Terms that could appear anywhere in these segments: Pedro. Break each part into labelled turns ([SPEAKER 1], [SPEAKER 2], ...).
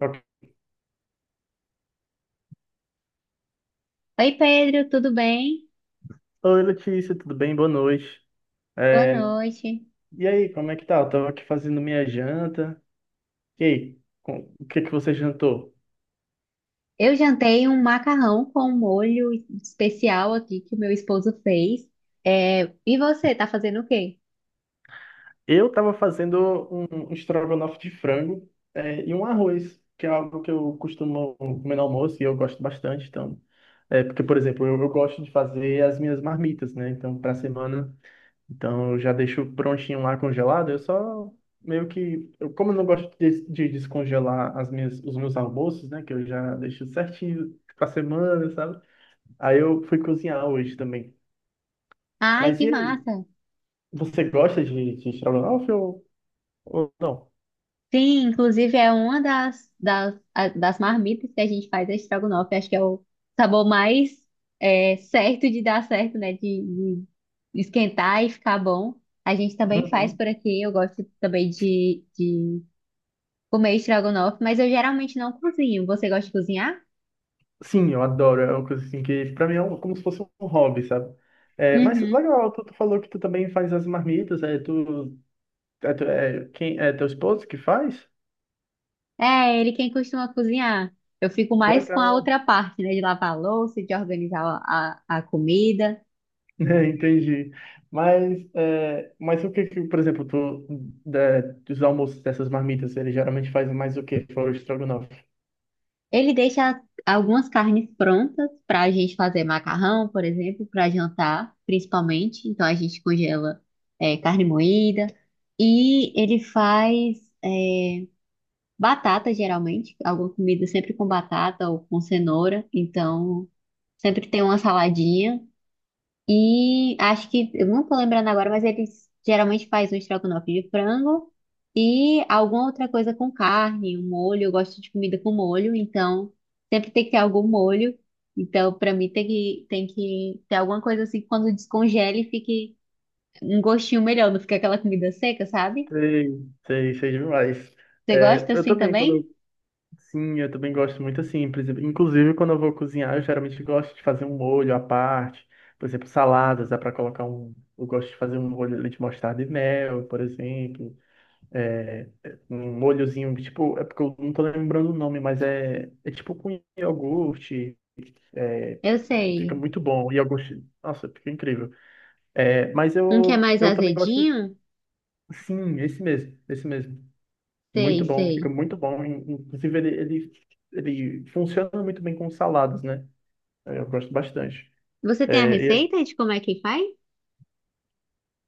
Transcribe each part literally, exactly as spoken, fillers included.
[SPEAKER 1] Ok.
[SPEAKER 2] Oi, Pedro, tudo bem?
[SPEAKER 1] Oi, Letícia, tudo bem? Boa noite.
[SPEAKER 2] Boa noite.
[SPEAKER 1] E aí, como é que tá? Eu tava aqui fazendo minha janta. E aí, com- o que que você jantou?
[SPEAKER 2] Eu jantei um macarrão com molho especial aqui que o meu esposo fez. É, E você, tá fazendo o quê?
[SPEAKER 1] Eu tava fazendo um, um estrogonofe de frango, é, e um arroz, que é algo que eu costumo comer no almoço e eu gosto bastante. Então, é, porque, por exemplo, eu, eu gosto de fazer as minhas marmitas, né? Então, pra semana. Então eu já deixo prontinho lá congelado, eu só meio que, eu, como eu não gosto de, de descongelar as minhas, os meus almoços, né, que eu já deixo certinho pra semana, sabe? Aí eu fui cozinhar hoje também.
[SPEAKER 2] Ai,
[SPEAKER 1] Mas
[SPEAKER 2] que
[SPEAKER 1] e aí,
[SPEAKER 2] massa!
[SPEAKER 1] você gosta de, de estrogonofe ou, ou não?
[SPEAKER 2] Sim, inclusive é uma das, das, a- das marmitas que a gente faz, a estrogonofe. Acho que é o sabor mais é, certo de dar certo, né? De, de esquentar e ficar bom. A gente também faz
[SPEAKER 1] Uhum.
[SPEAKER 2] por aqui. Eu gosto também de, de comer estrogonofe, mas eu geralmente não cozinho. Você gosta de cozinhar?
[SPEAKER 1] Sim, eu adoro, é uma coisa assim que pra mim é um- como se fosse um hobby, sabe? É, mas
[SPEAKER 2] Uhum.
[SPEAKER 1] legal, tu, tu falou que tu também faz as marmitas, é tu, é, tu- é quem, é teu esposo que faz?
[SPEAKER 2] É, ele quem costuma cozinhar. Eu fico mais com a
[SPEAKER 1] Legal.
[SPEAKER 2] outra parte, né? De lavar a louça, de organizar a, a a comida.
[SPEAKER 1] Entendi. Mas, é, mas o que, que, por exemplo, tu, da- dos almoços dessas marmitas, eles geralmente fazem mais o que? Fora o estrogonofe.
[SPEAKER 2] Ele deixa algumas carnes prontas para a gente fazer macarrão, por exemplo, para jantar, principalmente. Então a gente congela é, carne moída. E ele faz é, batata, geralmente, alguma comida sempre com batata ou com cenoura. Então sempre tem uma saladinha. E acho que, eu não tô lembrando agora, mas eles geralmente faz um estrogonofe de frango e alguma outra coisa com carne, um molho. Eu gosto de comida com molho, então sempre tem que ter algum molho. Então, pra mim, tem que, tem que ter alguma coisa assim que quando descongele fique um gostinho melhor, não fica aquela comida seca, sabe?
[SPEAKER 1] Sei, sei, sei demais.
[SPEAKER 2] Você
[SPEAKER 1] É,
[SPEAKER 2] gosta
[SPEAKER 1] eu
[SPEAKER 2] assim
[SPEAKER 1] também, quando eu,
[SPEAKER 2] também?
[SPEAKER 1] sim, eu também gosto muito assim. Por exemplo, inclusive, quando eu vou cozinhar, eu geralmente gosto de fazer um molho à parte. Por exemplo, saladas, dá para colocar um. Eu gosto de fazer um molho ali de mostarda e mel, por exemplo. É, um molhozinho, tipo, é porque eu não tô lembrando o nome, mas é, é tipo com iogurte.
[SPEAKER 2] Eu
[SPEAKER 1] Fica
[SPEAKER 2] sei.
[SPEAKER 1] muito bom. E eu gosto. Nossa, fica incrível. É, mas
[SPEAKER 2] Um que é
[SPEAKER 1] eu,
[SPEAKER 2] mais
[SPEAKER 1] eu também gosto.
[SPEAKER 2] azedinho?
[SPEAKER 1] Sim, esse mesmo. Esse mesmo.
[SPEAKER 2] Sei,
[SPEAKER 1] Muito bom. Fica
[SPEAKER 2] sei.
[SPEAKER 1] muito bom. In- Inclusive, ele, ele, ele funciona muito bem com saladas, né? Eu gosto bastante.
[SPEAKER 2] Você tem a
[SPEAKER 1] É,
[SPEAKER 2] receita de como é que faz?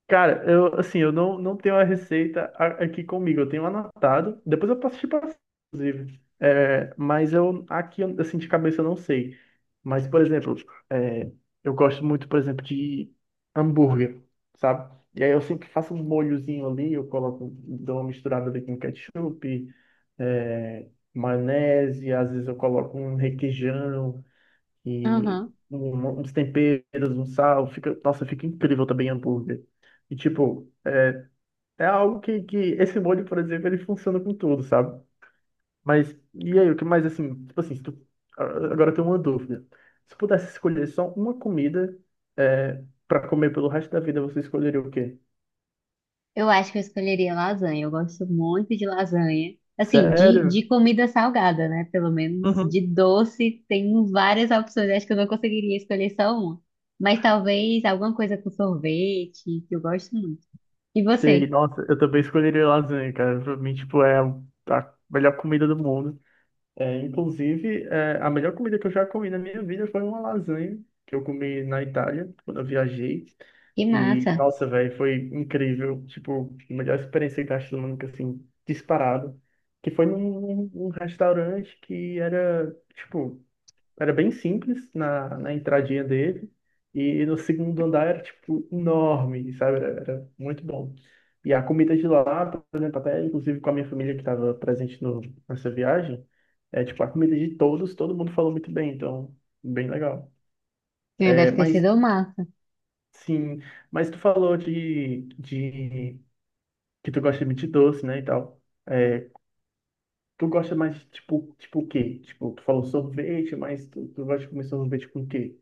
[SPEAKER 1] cara, eu assim, eu não, não tenho a receita a- aqui comigo, eu tenho anotado, depois eu posso te passar, inclusive. É, mas eu aqui assim de cabeça eu não sei. Mas, por exemplo, é, eu gosto muito, por exemplo, de hambúrguer, sabe? E aí eu sempre faço um molhozinho ali, eu coloco, dou uma misturada ali com ketchup, é, maionese, às vezes eu coloco um requeijão. E
[SPEAKER 2] Aham.
[SPEAKER 1] um- uns temperos, um sal, fica, nossa, fica incrível também hambúrguer. E tipo, é algo que, que esse molho, por exemplo, ele funciona com tudo, sabe? Mas, e aí, o que mais assim, tipo assim, se tu, agora eu tenho uma dúvida. Se pudesse escolher só uma comida é, para comer pelo resto da vida, você escolheria o quê?
[SPEAKER 2] Eu acho que eu escolheria lasanha. Eu gosto muito de lasanha. Assim, de,
[SPEAKER 1] Sério?
[SPEAKER 2] de comida salgada, né? Pelo menos
[SPEAKER 1] Uhum.
[SPEAKER 2] de doce, tem várias opções. Acho que eu não conseguiria escolher só uma. Mas talvez alguma coisa com sorvete, que eu gosto muito. E
[SPEAKER 1] Sei,
[SPEAKER 2] você?
[SPEAKER 1] nossa, eu também escolheria lasanha, cara. Pra mim, tipo, é a melhor comida do mundo. É, inclusive, é, a melhor comida que eu já comi na minha vida foi uma lasanha que eu comi na Itália, quando eu viajei.
[SPEAKER 2] Que
[SPEAKER 1] E,
[SPEAKER 2] massa.
[SPEAKER 1] nossa, velho, foi incrível. Tipo, a melhor experiência gastronômica, assim, disparado. Que foi num, num restaurante que era, tipo, era bem simples na, na entradinha dele. E no segundo andar era, tipo, enorme, sabe? Era, era muito bom. E a comida de lá, por exemplo, até inclusive com a minha família que estava presente no, nessa viagem, é tipo, a comida de todos, todo mundo falou muito bem, então, bem legal.
[SPEAKER 2] É,
[SPEAKER 1] É,
[SPEAKER 2] Deve ter
[SPEAKER 1] mas,
[SPEAKER 2] sido massa.
[SPEAKER 1] sim, mas tu falou de, de que tu gosta muito de doce, né, e tal. É, tu gosta mais de, tipo, tipo o quê? Tipo, tu falou sorvete, mas tu, tu gosta de comer sorvete com o quê?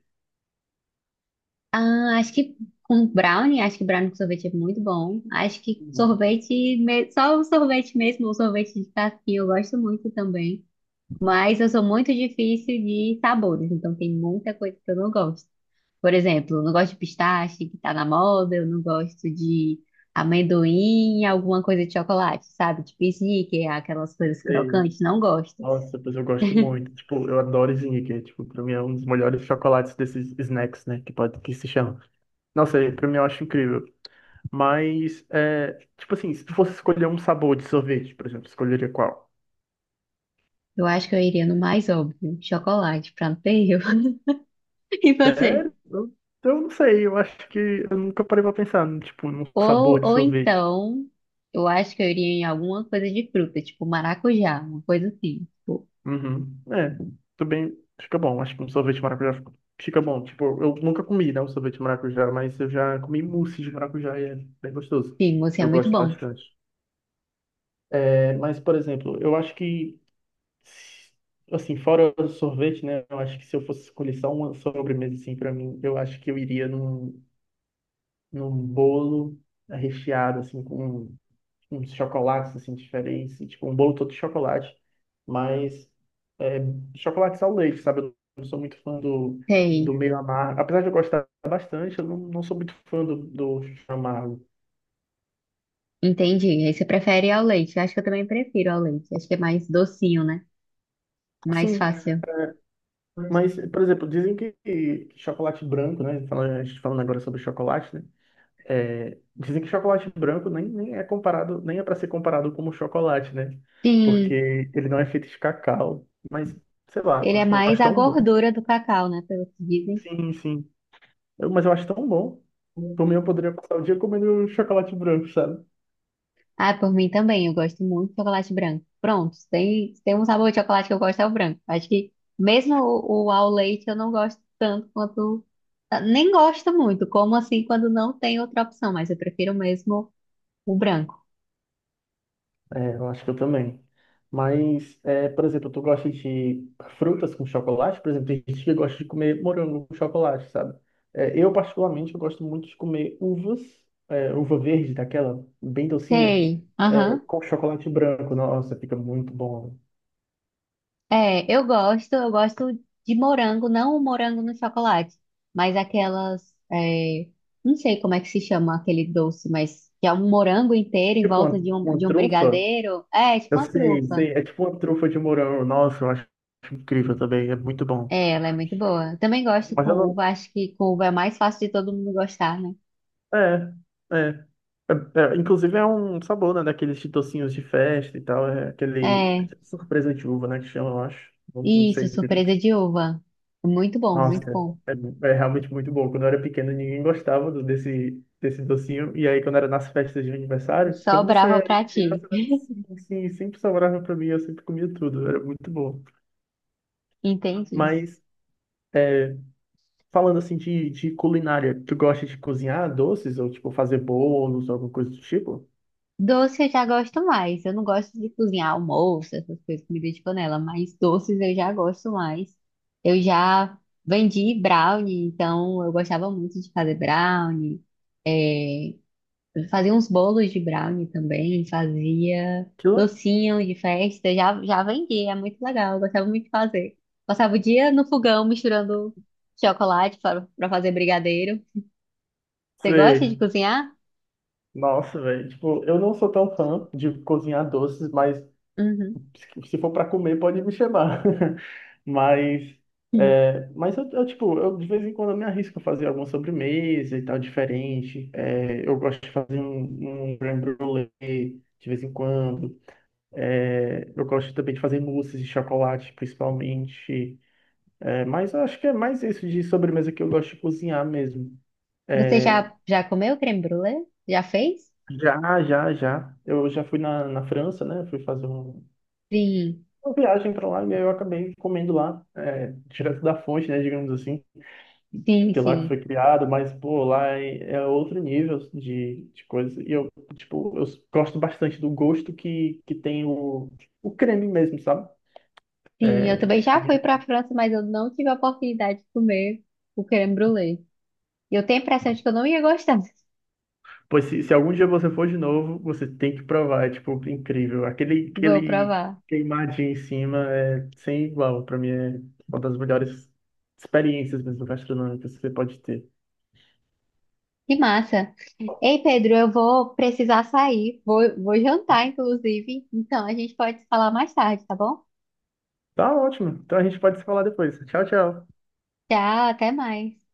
[SPEAKER 2] Ah, acho que com brownie, acho que brownie com sorvete é muito bom. Acho que
[SPEAKER 1] Não
[SPEAKER 2] sorvete, me- só o sorvete mesmo, o sorvete de casquinha, eu gosto muito também. Mas eu sou muito difícil de sabores, então tem muita coisa que eu não gosto. Por exemplo, eu não gosto de pistache, que tá na moda, eu não gosto de amendoim, alguma coisa de chocolate, sabe? Tipo sneaker, aquelas coisas
[SPEAKER 1] sei.
[SPEAKER 2] crocantes, não gosto.
[SPEAKER 1] Nossa, pois eu gosto muito. Tipo, eu adoro Snickers. Tipo, pra mim é um dos melhores chocolates desses snacks, né? Que pode que se chama. Nossa, é- pra mim eu acho incrível. Mas, é, tipo assim, se tu fosse escolher um sabor de sorvete, por exemplo, escolheria qual?
[SPEAKER 2] Eu acho que eu iria no mais óbvio, chocolate, pra não ter erro. E você?
[SPEAKER 1] Sério? Eu, eu não sei. Eu acho que eu nunca parei pra pensar, num, tipo, num
[SPEAKER 2] Ou,
[SPEAKER 1] sabor de
[SPEAKER 2] ou
[SPEAKER 1] sorvete.
[SPEAKER 2] então, eu acho que eu iria em alguma coisa de fruta, tipo maracujá, uma coisa assim. Tipo,
[SPEAKER 1] Uhum. É, tudo bem. Fica bom. Acho que um sorvete de maracujá fica fica bom. Tipo, eu nunca comi, né, um sorvete de maracujá, mas eu já comi mousse de maracujá e é bem gostoso.
[SPEAKER 2] sim, você é
[SPEAKER 1] Eu
[SPEAKER 2] muito
[SPEAKER 1] gosto
[SPEAKER 2] bom.
[SPEAKER 1] bastante. É, mas, por exemplo, eu acho que, assim, fora o sorvete, né? Eu acho que se eu fosse escolher só uma sobremesa, assim, para mim, eu acho que eu iria num, num bolo recheado, assim, com uns chocolates, assim, diferentes. Tipo, um bolo todo de chocolate, mas é, chocolate ao leite, sabe? Eu não sou muito fã do, do
[SPEAKER 2] Sei.
[SPEAKER 1] meio amargo. Apesar de eu gostar bastante, eu não, não sou muito fã do, do amargo.
[SPEAKER 2] Entendi. Aí você prefere ao leite. Eu acho que eu também prefiro ao leite. Acho que é mais docinho, né? Mais
[SPEAKER 1] Assim,
[SPEAKER 2] fácil.
[SPEAKER 1] mas, por exemplo, dizem que, que chocolate branco, né? fala- A gente falando agora sobre chocolate, né? É, dizem que chocolate branco nem, nem é comparado, nem é para ser comparado como chocolate, né?
[SPEAKER 2] Sim,
[SPEAKER 1] Porque ele não é feito de cacau. Mas, sei lá,
[SPEAKER 2] ele é
[SPEAKER 1] eu
[SPEAKER 2] mais
[SPEAKER 1] acho
[SPEAKER 2] a
[SPEAKER 1] tão bom.
[SPEAKER 2] gordura do cacau, né? Pelo que dizem.
[SPEAKER 1] Sim, sim. Eu- mas eu acho tão bom. Por mim, eu poderia passar o dia comendo chocolate branco, sabe?
[SPEAKER 2] Ah, por mim também. Eu gosto muito de chocolate branco. Pronto, se tem, se tem um sabor de chocolate que eu gosto é o branco. Acho que mesmo o, o ao leite eu não gosto tanto quanto. ah, Nem gosto muito, como assim quando não tem outra opção, mas eu prefiro mesmo o branco.
[SPEAKER 1] É, eu acho que eu também. Mas, é, por exemplo, tu gosta de frutas com chocolate? Por exemplo, tem gente que gosta de comer morango com chocolate, sabe? É, eu, particularmente, eu gosto muito de comer uvas, é, uva verde, daquela bem docinha,
[SPEAKER 2] Sei.
[SPEAKER 1] é,
[SPEAKER 2] Aham.
[SPEAKER 1] com chocolate branco. Nossa, fica muito bom.
[SPEAKER 2] É, eu gosto, eu gosto de morango, não o morango no chocolate, mas aquelas, é, não sei como é que se chama aquele doce, mas que é um morango inteiro em
[SPEAKER 1] Tipo
[SPEAKER 2] volta
[SPEAKER 1] uma,
[SPEAKER 2] de um,
[SPEAKER 1] uma
[SPEAKER 2] de um
[SPEAKER 1] trufa,
[SPEAKER 2] brigadeiro. É, tipo
[SPEAKER 1] eu
[SPEAKER 2] uma
[SPEAKER 1] sei,
[SPEAKER 2] trufa.
[SPEAKER 1] sei, é tipo uma trufa de morango. Nossa, eu acho incrível também, é muito bom.
[SPEAKER 2] É, ela é muito boa. Eu também gosto
[SPEAKER 1] Mas
[SPEAKER 2] com
[SPEAKER 1] eu não,
[SPEAKER 2] uva, acho que com uva é mais fácil de todo mundo gostar, né?
[SPEAKER 1] é, é. É, é, inclusive é um sabor, né, daqueles chitocinhos de festa e tal, é aquele
[SPEAKER 2] É,
[SPEAKER 1] surpresa de uva, né, que chama, eu acho. Não, não
[SPEAKER 2] isso,
[SPEAKER 1] sei direito.
[SPEAKER 2] surpresa de uva. Muito bom,
[SPEAKER 1] Nossa,
[SPEAKER 2] muito bom.
[SPEAKER 1] é realmente muito bom. Quando eu era pequeno, ninguém gostava do- desse, desse docinho. E aí, quando era nas festas de aniversário,
[SPEAKER 2] Só
[SPEAKER 1] quando você
[SPEAKER 2] brava
[SPEAKER 1] era
[SPEAKER 2] pra ti.
[SPEAKER 1] criança, né, sim, sim, sempre sobrava pra mim, eu sempre comia tudo. Era muito bom.
[SPEAKER 2] Entendi.
[SPEAKER 1] Mas, falando assim de, de culinária, tu gosta de cozinhar doces ou, tipo, fazer bolos ou alguma coisa do tipo?
[SPEAKER 2] Doce eu já gosto mais. Eu não gosto de cozinhar almoço, essas coisas, comida de panela, mas doces eu já gosto mais. Eu já vendi brownie, então eu gostava muito de fazer brownie. É, fazia uns bolos de brownie também, fazia
[SPEAKER 1] Que, le-
[SPEAKER 2] docinho de festa, já, já vendi, é muito legal, eu gostava muito de fazer. Passava o dia no fogão misturando chocolate para fazer brigadeiro. Você gosta
[SPEAKER 1] Sei.
[SPEAKER 2] de cozinhar?
[SPEAKER 1] Nossa, velho. Tipo, eu não sou tão fã de cozinhar doces, mas
[SPEAKER 2] Uhum.
[SPEAKER 1] se for pra comer, pode me chamar. Mas, é, mas eu, eu, tipo, eu de vez em quando eu me arrisco a fazer alguma sobremesa e tal, diferente. É, eu gosto de fazer um, um crème brûlée de vez em quando. É, eu gosto também de fazer mousses de chocolate, principalmente. É, mas eu acho que é mais isso de sobremesa que eu gosto de cozinhar mesmo.
[SPEAKER 2] Você
[SPEAKER 1] É,
[SPEAKER 2] já, já comeu creme brulee? Já fez?
[SPEAKER 1] já, já, já. Eu já fui na, na França, né? Fui fazer um-
[SPEAKER 2] Sim,
[SPEAKER 1] uma viagem para lá e aí eu acabei comendo lá, é, direto da fonte, né? Digamos assim,
[SPEAKER 2] sim,
[SPEAKER 1] que lá que
[SPEAKER 2] sim.
[SPEAKER 1] foi criado, mas, pô, lá é, é outro nível de, de coisa. E eu, tipo, eu gosto bastante do gosto que, que tem o, o creme mesmo, sabe?
[SPEAKER 2] Sim, eu
[SPEAKER 1] É,
[SPEAKER 2] também já fui para a França, mas eu não tive a oportunidade de comer o creme brulee. E eu tenho a impressão de que eu não ia gostar.
[SPEAKER 1] pois se, se algum dia você for de novo, você tem que provar, é tipo incrível. Aquele,
[SPEAKER 2] Vou
[SPEAKER 1] aquele
[SPEAKER 2] provar.
[SPEAKER 1] queimadinho em cima é sem igual. Pra mim é uma das melhores experiências mesmo gastronômicas que você pode ter.
[SPEAKER 2] Que massa. Ei, Pedro, eu vou precisar sair. Vou, vou jantar, inclusive. Então, a gente pode se falar mais tarde, tá bom?
[SPEAKER 1] Tá ótimo. Então a gente pode se falar depois. Tchau, tchau.
[SPEAKER 2] Tchau, até mais.